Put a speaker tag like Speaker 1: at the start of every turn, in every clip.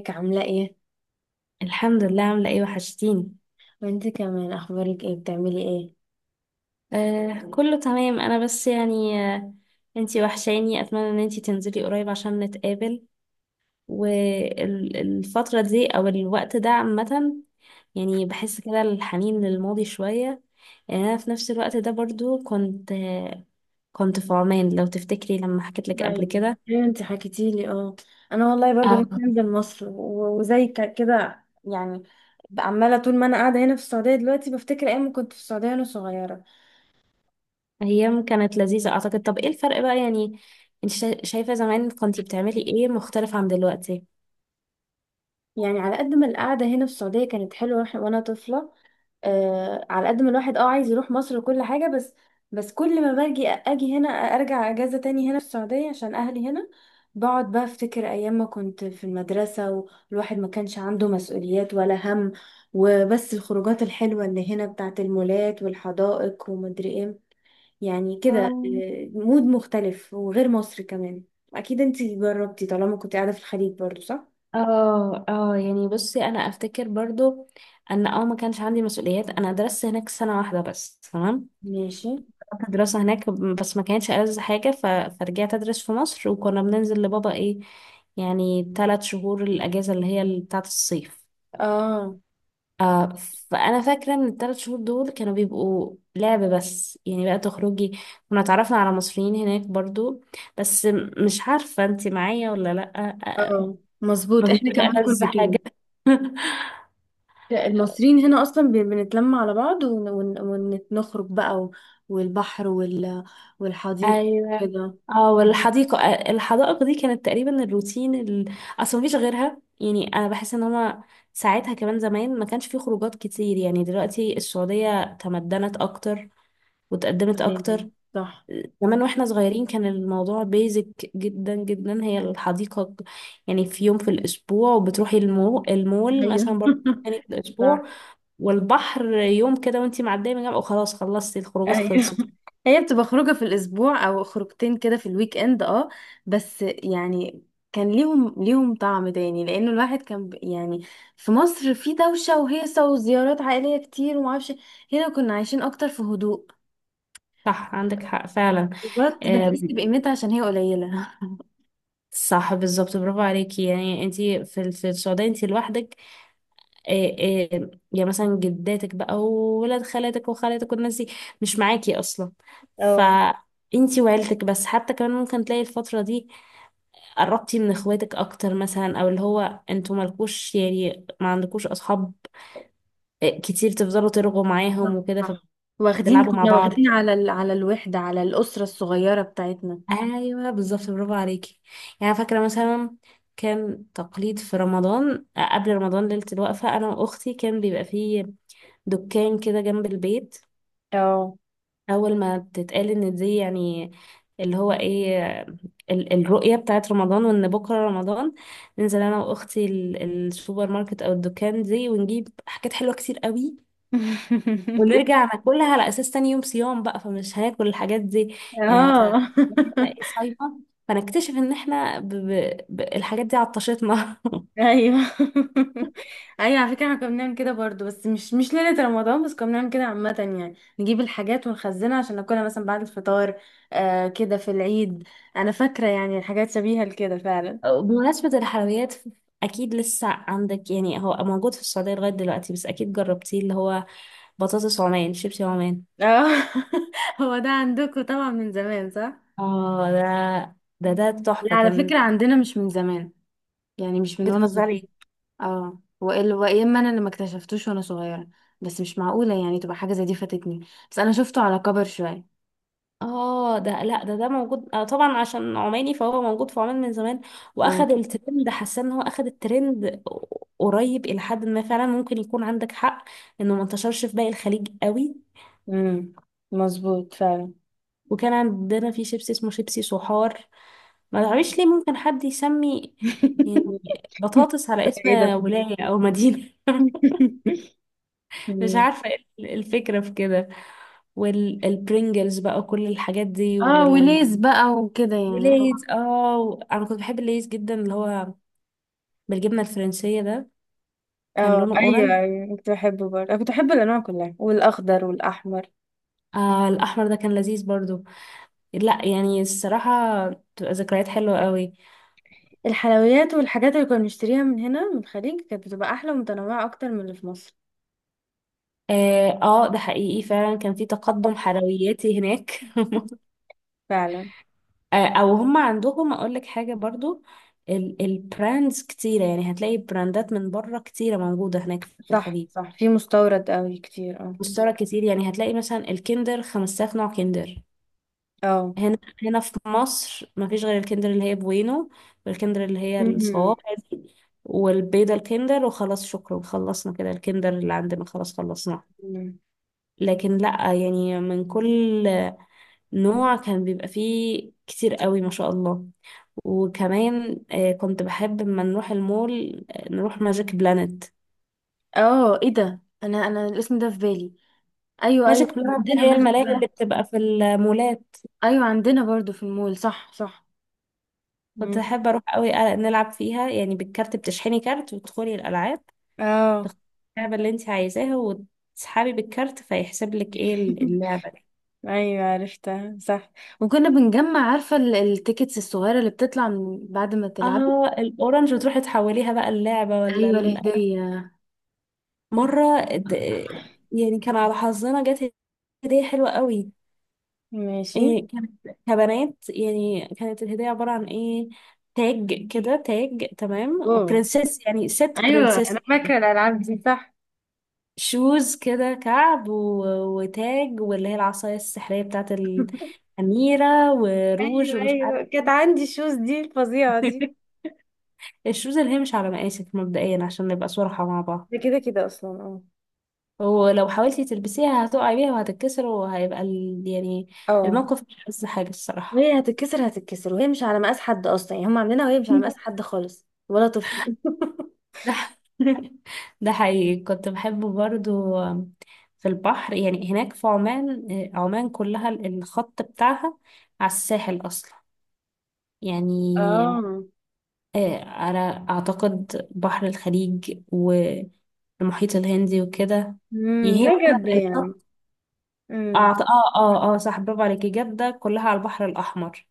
Speaker 1: ازيك عاملة ايه؟
Speaker 2: الحمد لله. عاملة ايه؟ وحشتيني.
Speaker 1: وانت كمان اخبارك ايه بتعملي ايه؟
Speaker 2: كله تمام. انا بس يعني انتي وحشاني، اتمنى ان انتي تنزلي قريب عشان نتقابل. والفترة دي او الوقت ده عامة يعني بحس كده الحنين للماضي شوية. يعني انا في نفس الوقت ده برضو كنت في عمان، لو تفتكري لما حكيت لك قبل
Speaker 1: ايوه،
Speaker 2: كده.
Speaker 1: ايوه، انت حكيتي لي اه. انا والله برضو
Speaker 2: اه،
Speaker 1: نفسي انزل مصر وزي كده يعني. بقى عمالة طول ما انا قاعدة هنا في السعودية دلوقتي، بفتكر ايام ما كنت في السعودية وانا صغيرة.
Speaker 2: ايام كانت لذيذة اعتقد. طب ايه الفرق بقى يعني؟ انت شايفة زمان كنتي بتعملي ايه مختلف عن دلوقتي؟
Speaker 1: يعني على قد ما القعدة هنا في السعودية كانت حلوة وانا طفلة. على قد ما الواحد عايز يروح مصر وكل حاجة، بس بس كل ما باجي اجي هنا ارجع اجازة تاني هنا في السعودية عشان اهلي هنا. بقعد بقى افتكر ايام ما كنت في المدرسة والواحد ما كانش عنده مسؤوليات ولا هم، وبس الخروجات الحلوة اللي هنا بتاعت المولات والحدائق ومدري ايه. يعني كده، مود مختلف وغير مصر كمان. اكيد انتي جربتي طالما كنت قاعدة في الخليج برضو، صح؟
Speaker 2: اه اه، يعني بصي، انا افتكر برضو ان اه ما كانش عندي مسؤوليات. انا درست هناك سنة واحدة بس تمام.
Speaker 1: ماشي.
Speaker 2: كانت الدراسة هناك بس ما كانتش ألذ حاجة، فرجعت أدرس في مصر، وكنا بننزل لبابا إيه يعني ثلاث شهور الأجازة اللي هي بتاعة الصيف.
Speaker 1: اه،
Speaker 2: آه. فأنا فاكرة إن الثلاث شهور دول كانوا بيبقوا لعب بس يعني بقى تخرجي. كنا اتعرفنا على مصريين هناك برضو، بس مش عارفة انتي معايا ولا لأ. آه.
Speaker 1: اه،
Speaker 2: ما
Speaker 1: مظبوط، احنا
Speaker 2: بيبقوش
Speaker 1: كمان
Speaker 2: ألذ
Speaker 1: كنا كده.
Speaker 2: حاجة.
Speaker 1: لا، المصريين هنا اصلا بنتلم على بعض ونخرج بقى والبحر والحديقه
Speaker 2: ايوه.
Speaker 1: كده.
Speaker 2: اه،
Speaker 1: مم.
Speaker 2: والحديقه. آه، الحدائق دي كانت تقريبا الروتين. اصل مفيش غيرها، يعني انا بحس ان هما ساعتها كمان زمان ما كانش في خروجات كتير. يعني دلوقتي السعوديه تمدنت اكتر وتقدمت
Speaker 1: أيوة،
Speaker 2: اكتر.
Speaker 1: صح،
Speaker 2: زمان واحنا صغيرين كان الموضوع بيزك جدا جدا هي الحديقه. يعني في يوم في الاسبوع وبتروحي المول
Speaker 1: ايوه.
Speaker 2: مثلا برضه تاني في الاسبوع،
Speaker 1: صح،
Speaker 2: والبحر يوم كده وانتي معديه من جنبه وخلاص خلصتي الخروجات
Speaker 1: ايوه،
Speaker 2: خلصت.
Speaker 1: هي بتبقى خروجه في الاسبوع او خروجتين كده في الويك اند اه بس يعني كان ليهم طعم تاني لانه الواحد كان يعني في مصر في دوشه وهيصه وزيارات عائليه كتير ومعرفش. هنا كنا عايشين اكتر في هدوء.
Speaker 2: صح، عندك حق فعلا.
Speaker 1: وقت
Speaker 2: آه،
Speaker 1: بنحس بقيمتها عشان هي قليله.
Speaker 2: صح بالظبط، برافو عليكي. يعني انت في السعوديه انت لوحدك. آه، آه، يعني مثلا جداتك بقى وولاد خالاتك وخالاتك والناس دي مش معاكي اصلا. ف
Speaker 1: اه،
Speaker 2: انتي وعيلتك بس. حتى كمان ممكن تلاقي الفترة دي قربتي من اخواتك اكتر مثلا، او اللي هو انتوا مالكوش، يعني ما عندكوش اصحاب. آه، كتير تفضلوا ترغوا
Speaker 1: صح،
Speaker 2: معاهم وكده،
Speaker 1: صح، واخدين،
Speaker 2: فبتلعبوا مع
Speaker 1: كنا
Speaker 2: بعض.
Speaker 1: واخدين على على الوحدة، على الأسرة الصغيرة بتاعتنا.
Speaker 2: ايوه بالظبط، برافو عليكي. يعني فاكره مثلا كان تقليد في رمضان، آه، قبل رمضان ليله الوقفه انا واختي كان بيبقى فيه دكان كده جنب البيت.
Speaker 1: اه.
Speaker 2: اول ما تتقال ان دي يعني اللي هو ايه، الرؤيه بتاعت رمضان وان بكره رمضان، ننزل انا واختي السوبر ماركت او الدكان دي ونجيب حاجات حلوه كتير قوي، ونرجع ناكلها على اساس تاني يوم صيام بقى فمش هناكل الحاجات دي. يعني
Speaker 1: اه.
Speaker 2: هتبقى صايمه. فنكتشف ان احنا الحاجات دي عطشتنا.
Speaker 1: ايوه. ايوه، على فكره احنا كنا بنعمل كده برضو، بس مش ليله رمضان بس، كنا بنعمل كده عامه. يعني نجيب الحاجات ونخزنها عشان ناكلها مثلا بعد الفطار. كده في العيد. انا فاكره يعني حاجات شبيهه لكده فعلا.
Speaker 2: بمناسبة الحلويات، اكيد لسه عندك يعني، هو موجود في السعودية لغاية دلوقتي، بس اكيد جربتيه اللي هو بطاطس عمان، شيبسي عمان.
Speaker 1: اه. هو ده عندكم طبعا من زمان، صح؟
Speaker 2: اه، ده
Speaker 1: لا،
Speaker 2: تحفة
Speaker 1: على
Speaker 2: كان.
Speaker 1: فكره، عندنا مش من زمان، يعني مش من وانا طفل.
Speaker 2: بتهزري؟
Speaker 1: اه وإلا وإيه؟ اما انا اللي ما اكتشفتوش وانا صغيره؟ بس مش معقوله يعني تبقى حاجه زي دي فاتتني، بس انا شفته على كبر شويه.
Speaker 2: اه، ده لا ده ده موجود آه طبعا، عشان عماني فهو موجود في عمان من زمان.
Speaker 1: اه.
Speaker 2: واخد الترند، حاسه ان هو اخد الترند قريب الى حد ما فعلا. ممكن يكون عندك حق انه ما انتشرش في باقي الخليج قوي.
Speaker 1: امم، مظبوط فعلا.
Speaker 2: وكان عندنا في شيبسي اسمه شيبسي صحار. ما
Speaker 1: مم.
Speaker 2: تعرفش ليه ممكن حد يسمي يعني بطاطس على اسم
Speaker 1: ايه ده.
Speaker 2: ولاية او مدينة؟ مش
Speaker 1: مم.
Speaker 2: عارفة ايه الفكرة في كده. والبرينجلز بقى، كل الحاجات دي.
Speaker 1: اه، وليز بقى وكده يعني اه
Speaker 2: وليز، اه، انا كنت بحب الليز جدا اللي هو بالجبنه الفرنسيه ده. كان
Speaker 1: اه،
Speaker 2: لونه
Speaker 1: ايوه،
Speaker 2: اورنج.
Speaker 1: ايوه، كنت بحبه برضه. انا كنت بحب الانواع كلها، والاخضر والاحمر.
Speaker 2: آه، الاحمر ده كان لذيذ برضو. لا يعني الصراحه بتبقى ذكريات حلوه قوي.
Speaker 1: الحلويات والحاجات اللي كنا بنشتريها من هنا من الخليج كانت بتبقى احلى ومتنوعه اكتر من اللي في مصر.
Speaker 2: اه، آه، ده حقيقي فعلا، كان في تقدم حلوياتي هناك.
Speaker 1: فعلا.
Speaker 2: آه، او هم عندهم، اقول لك حاجه برضو، البراندز كتيره، يعني هتلاقي براندات من بره كتيره موجوده هناك في
Speaker 1: صح،
Speaker 2: الخليج.
Speaker 1: صح، في مستورد قوي كتير اه
Speaker 2: مستورد كتير، يعني هتلاقي مثلا الكندر 5000 نوع كندر.
Speaker 1: اه.
Speaker 2: هنا هنا في مصر مفيش غير الكندر اللي هي بوينو، والكندر اللي هي
Speaker 1: مم.
Speaker 2: الصوابع دي، والبيضة الكندر، وخلاص شكرا خلصنا كده. الكندر اللي عندنا خلاص خلصناه.
Speaker 1: مم.
Speaker 2: لكن لأ، يعني من كل نوع كان بيبقى فيه كتير قوي ما شاء الله. وكمان آه، كنت بحب لما نروح المول، آه، نروح ماجيك بلانت.
Speaker 1: اه، ايه ده، انا الاسم ده في بالي. ايوه، ايوه،
Speaker 2: ماجيك بلانت
Speaker 1: عندنا
Speaker 2: هي
Speaker 1: مسجد
Speaker 2: الملاعب
Speaker 1: ده.
Speaker 2: اللي بتبقى في المولات.
Speaker 1: ايوه، عندنا برضو في المول، صح، صح.
Speaker 2: كنت
Speaker 1: مم.
Speaker 2: أحب أروح قوي، نلعب فيها يعني بالكارت، بتشحني كارت وتدخلي الألعاب،
Speaker 1: اه.
Speaker 2: تختاري اللعبة اللي انت عايزاها وتسحبي بالكارت فيحسب لك ايه اللعبة دي.
Speaker 1: ايوه، عرفتها، صح. وكنا بنجمع، عارفه التيكتس الصغيره اللي بتطلع من بعد ما تلعبي.
Speaker 2: اه الاورنج، وتروحي تحوليها بقى اللعبة ولا
Speaker 1: ايوه، الهديه.
Speaker 2: مرة يعني كان على حظنا جت هدية حلوة قوي.
Speaker 1: ماشي.
Speaker 2: يعني كانت كبنات، يعني كانت الهدية عبارة عن ايه، تاج كده، تاج تمام،
Speaker 1: اوه.
Speaker 2: برنسيس يعني ست
Speaker 1: ايوه، انا
Speaker 2: برنسيس.
Speaker 1: فاكره الالعاب دي، صح.
Speaker 2: شوز كده كعب، وتاج، واللي هي العصاية السحرية بتاعت الأميرة، وروج
Speaker 1: ايوه،
Speaker 2: ومش
Speaker 1: ايوه،
Speaker 2: عارف
Speaker 1: كانت عندي الشوز دي الفظيعه دي.
Speaker 2: ايه. الشوزة اللي هي مش على مقاسك مبدئيا، عشان نبقى صراحة مع بعض.
Speaker 1: ده كده كده اصلا، اه.
Speaker 2: ولو حاولتي تلبسيها هتقعي بيها وهتتكسر، يعني
Speaker 1: اه.
Speaker 2: الموقف مش أحسن حاجة الصراحة
Speaker 1: وهي هتتكسر، هتتكسر، وهي مش على مقاس حد اصلا، يعني هم عاملينها وهي مش على مقاس حد خالص، ولا طفل.
Speaker 2: ده. ده حقيقي كنت بحبه برضو. في البحر يعني هناك في عمان، آه، عمان كلها الخط بتاعها على الساحل أصلا. يعني
Speaker 1: اه.
Speaker 2: آه، أنا أعتقد بحر الخليج والمحيط الهندي وكده
Speaker 1: امم،
Speaker 2: هي
Speaker 1: ده جد يعني.
Speaker 2: واخدة. اه
Speaker 1: امم.
Speaker 2: اه اه اه صح، برافو عليكي. جدة كلها على البحر الأحمر.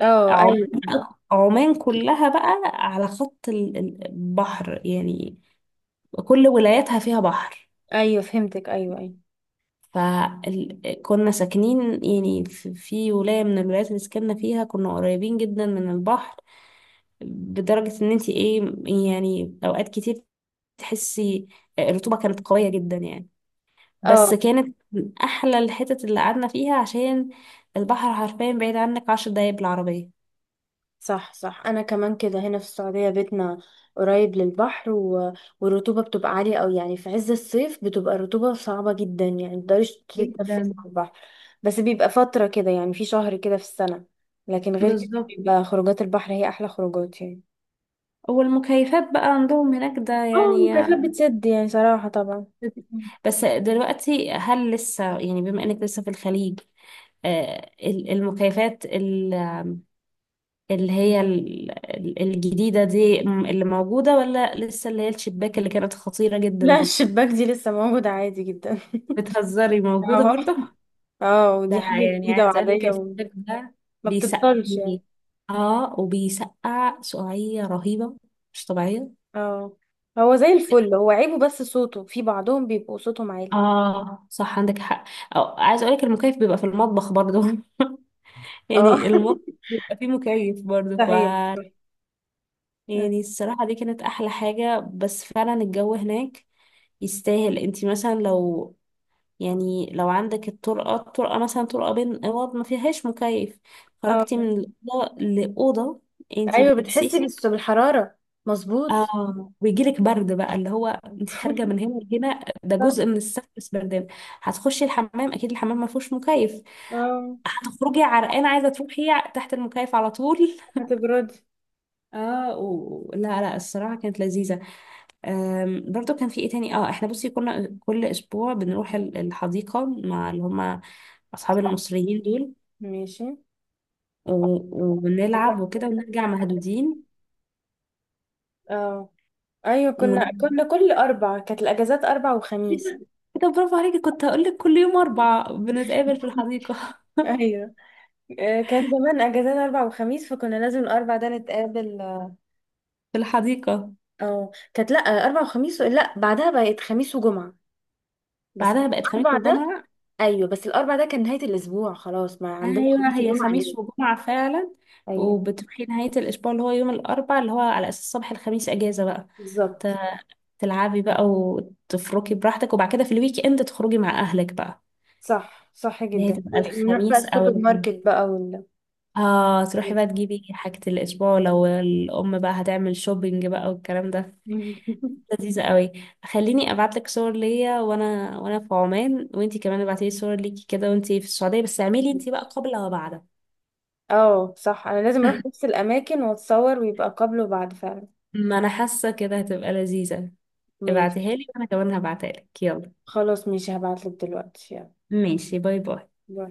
Speaker 1: اه،
Speaker 2: عمان
Speaker 1: ايوه،
Speaker 2: بقى، عمان كلها بقى على خط البحر، يعني كل ولاياتها فيها بحر.
Speaker 1: ايوه، فهمتك، ايوه، ايوه.
Speaker 2: فكنا ساكنين يعني في ولاية من الولايات اللي سكننا فيها كنا قريبين جدا من البحر، بدرجة ان انتي ايه، يعني اوقات كتير تحسي الرطوبة كانت قوية جدا، يعني
Speaker 1: اه،
Speaker 2: بس كانت من احلى الحتت اللي قعدنا فيها، عشان البحر حرفيا بعيد عنك عشر دقايق بالعربية.
Speaker 1: صح، صح، انا كمان كده. هنا في السعوديه بيتنا قريب للبحر والرطوبه بتبقى عاليه قوي، يعني في عز الصيف بتبقى الرطوبه صعبه جدا، يعني متقدريش تتنفسي
Speaker 2: جدا
Speaker 1: على البحر. بس بيبقى فتره كده يعني، في شهر كده في السنه. لكن غير كده
Speaker 2: بالظبط.
Speaker 1: بيبقى خروجات البحر هي احلى خروجات يعني.
Speaker 2: والمكيفات بقى عندهم هناك ده،
Speaker 1: اه،
Speaker 2: يعني
Speaker 1: البلاكات بتسد يعني صراحة طبعا.
Speaker 2: بس دلوقتي هل لسه، يعني بما انك لسه في الخليج، آه، المكيفات اللي هي الجديدة دي اللي موجودة، ولا لسه اللي هي الشباك اللي كانت خطيرة جدا
Speaker 1: لا،
Speaker 2: دي؟
Speaker 1: الشباك دي لسه موجودة عادي جدا.
Speaker 2: بتهزري، موجودة
Speaker 1: اه.
Speaker 2: برضه؟
Speaker 1: اه،
Speaker 2: ده
Speaker 1: ودي حاجة
Speaker 2: يعني
Speaker 1: جديدة
Speaker 2: عايز اقول لك،
Speaker 1: وعادية وما
Speaker 2: الشباك ده بيسقي،
Speaker 1: بتضطرش يعني.
Speaker 2: اه، وبيسقع سقعية رهيبة مش طبيعية.
Speaker 1: اه. هو زي الفل، هو عيبه بس صوته، في بعضهم بيبقوا صوتهم عالي.
Speaker 2: اه صح، عندك حق. أو عايز اقولك المكيف بيبقى في المطبخ برضو.
Speaker 1: اه.
Speaker 2: يعني المطبخ بيبقى فيه مكيف برضو. ف
Speaker 1: صحيح.
Speaker 2: يعني الصراحة دي كانت احلى حاجة، بس فعلا الجو هناك يستاهل. انتي مثلا لو، يعني لو عندك الطرقة، الطرقة مثلا طرقة بين اوض ما فيهاش مكيف، خرجتي
Speaker 1: اه،
Speaker 2: من الأوضة لأوضة انتي
Speaker 1: ايوه، بتحسي
Speaker 2: بتسيحي.
Speaker 1: بس بالحرارة، مظبوط.
Speaker 2: اه، ويجيلك برد بقى، اللي هو انت خارجه من هنا لهنا ده
Speaker 1: صح.
Speaker 2: جزء من السفر، بس بردان. هتخشي الحمام، اكيد الحمام ما فيهوش مكيف،
Speaker 1: اه،
Speaker 2: هتخرجي عرقانة عايزة تروحي تحت المكيف على طول.
Speaker 1: هتبردي.
Speaker 2: اه، لا لا، الصراحه كانت لذيذه. برضو كان في ايه تاني؟ اه، احنا بصي كنا كل اسبوع بنروح الحديقه مع اللي هم اصحاب المصريين دول،
Speaker 1: ماشي.
Speaker 2: و... ونلعب وكده ونرجع مهدودين.
Speaker 1: اه، ايوه،
Speaker 2: و...
Speaker 1: كنا كل اربع كانت الاجازات اربع وخميس.
Speaker 2: كده كده. برافو عليكي، كنت هقول لك كل يوم اربع بنتقابل في الحديقه.
Speaker 1: ايوه، كان زمان اجازات اربع وخميس، فكنا لازم الاربع ده نتقابل.
Speaker 2: في الحديقه.
Speaker 1: او كانت، لا اربع وخميس، لا بعدها بقت خميس وجمعه. بس
Speaker 2: بعدها بقت خميس
Speaker 1: الاربع ده،
Speaker 2: وجمعه.
Speaker 1: ايوه بس الاربع ده كان نهايه الاسبوع، خلاص ما عندنا
Speaker 2: ايوه
Speaker 1: خميس
Speaker 2: هي
Speaker 1: وجمعه
Speaker 2: خميس
Speaker 1: اجازه.
Speaker 2: وجمعه فعلا.
Speaker 1: ايوه.
Speaker 2: وبتروحي نهايه الاسبوع اللي هو يوم الاربع، اللي هو على اساس صباح الخميس اجازه بقى، ت-
Speaker 1: بالظبط.
Speaker 2: تلعبي بقى وتفركي براحتك، وبعد كده في الويك اند تخرجي مع اهلك بقى،
Speaker 1: صح، صح
Speaker 2: اللي هي
Speaker 1: جدا.
Speaker 2: تبقى
Speaker 1: ونروح بقى
Speaker 2: الخميس او
Speaker 1: السوبر
Speaker 2: الجمعه.
Speaker 1: ماركت بقى وال...
Speaker 2: اه، تروحي بقى تجيبي حاجه الاسبوع، لو الام بقى هتعمل شوبينج بقى والكلام ده. لذيذه قوي. خليني ابعت لك صور ليا وانا في عمان، وانتي كمان ابعتي لي صور ليكي كده وانتي في السعوديه، بس اعملي انتي بقى قبل وبعد.
Speaker 1: اه، صح، انا لازم اروح نفس الاماكن واتصور ويبقى قبل وبعد، فعلا.
Speaker 2: ما انا حاسه كده هتبقى لذيذه.
Speaker 1: ماشي.
Speaker 2: ابعتيها لي وانا كمان هبعتها لك، يلا.
Speaker 1: خلاص، ماشي، هبعتلك دلوقتي، يلا.
Speaker 2: ماشي، باي باي.
Speaker 1: باي.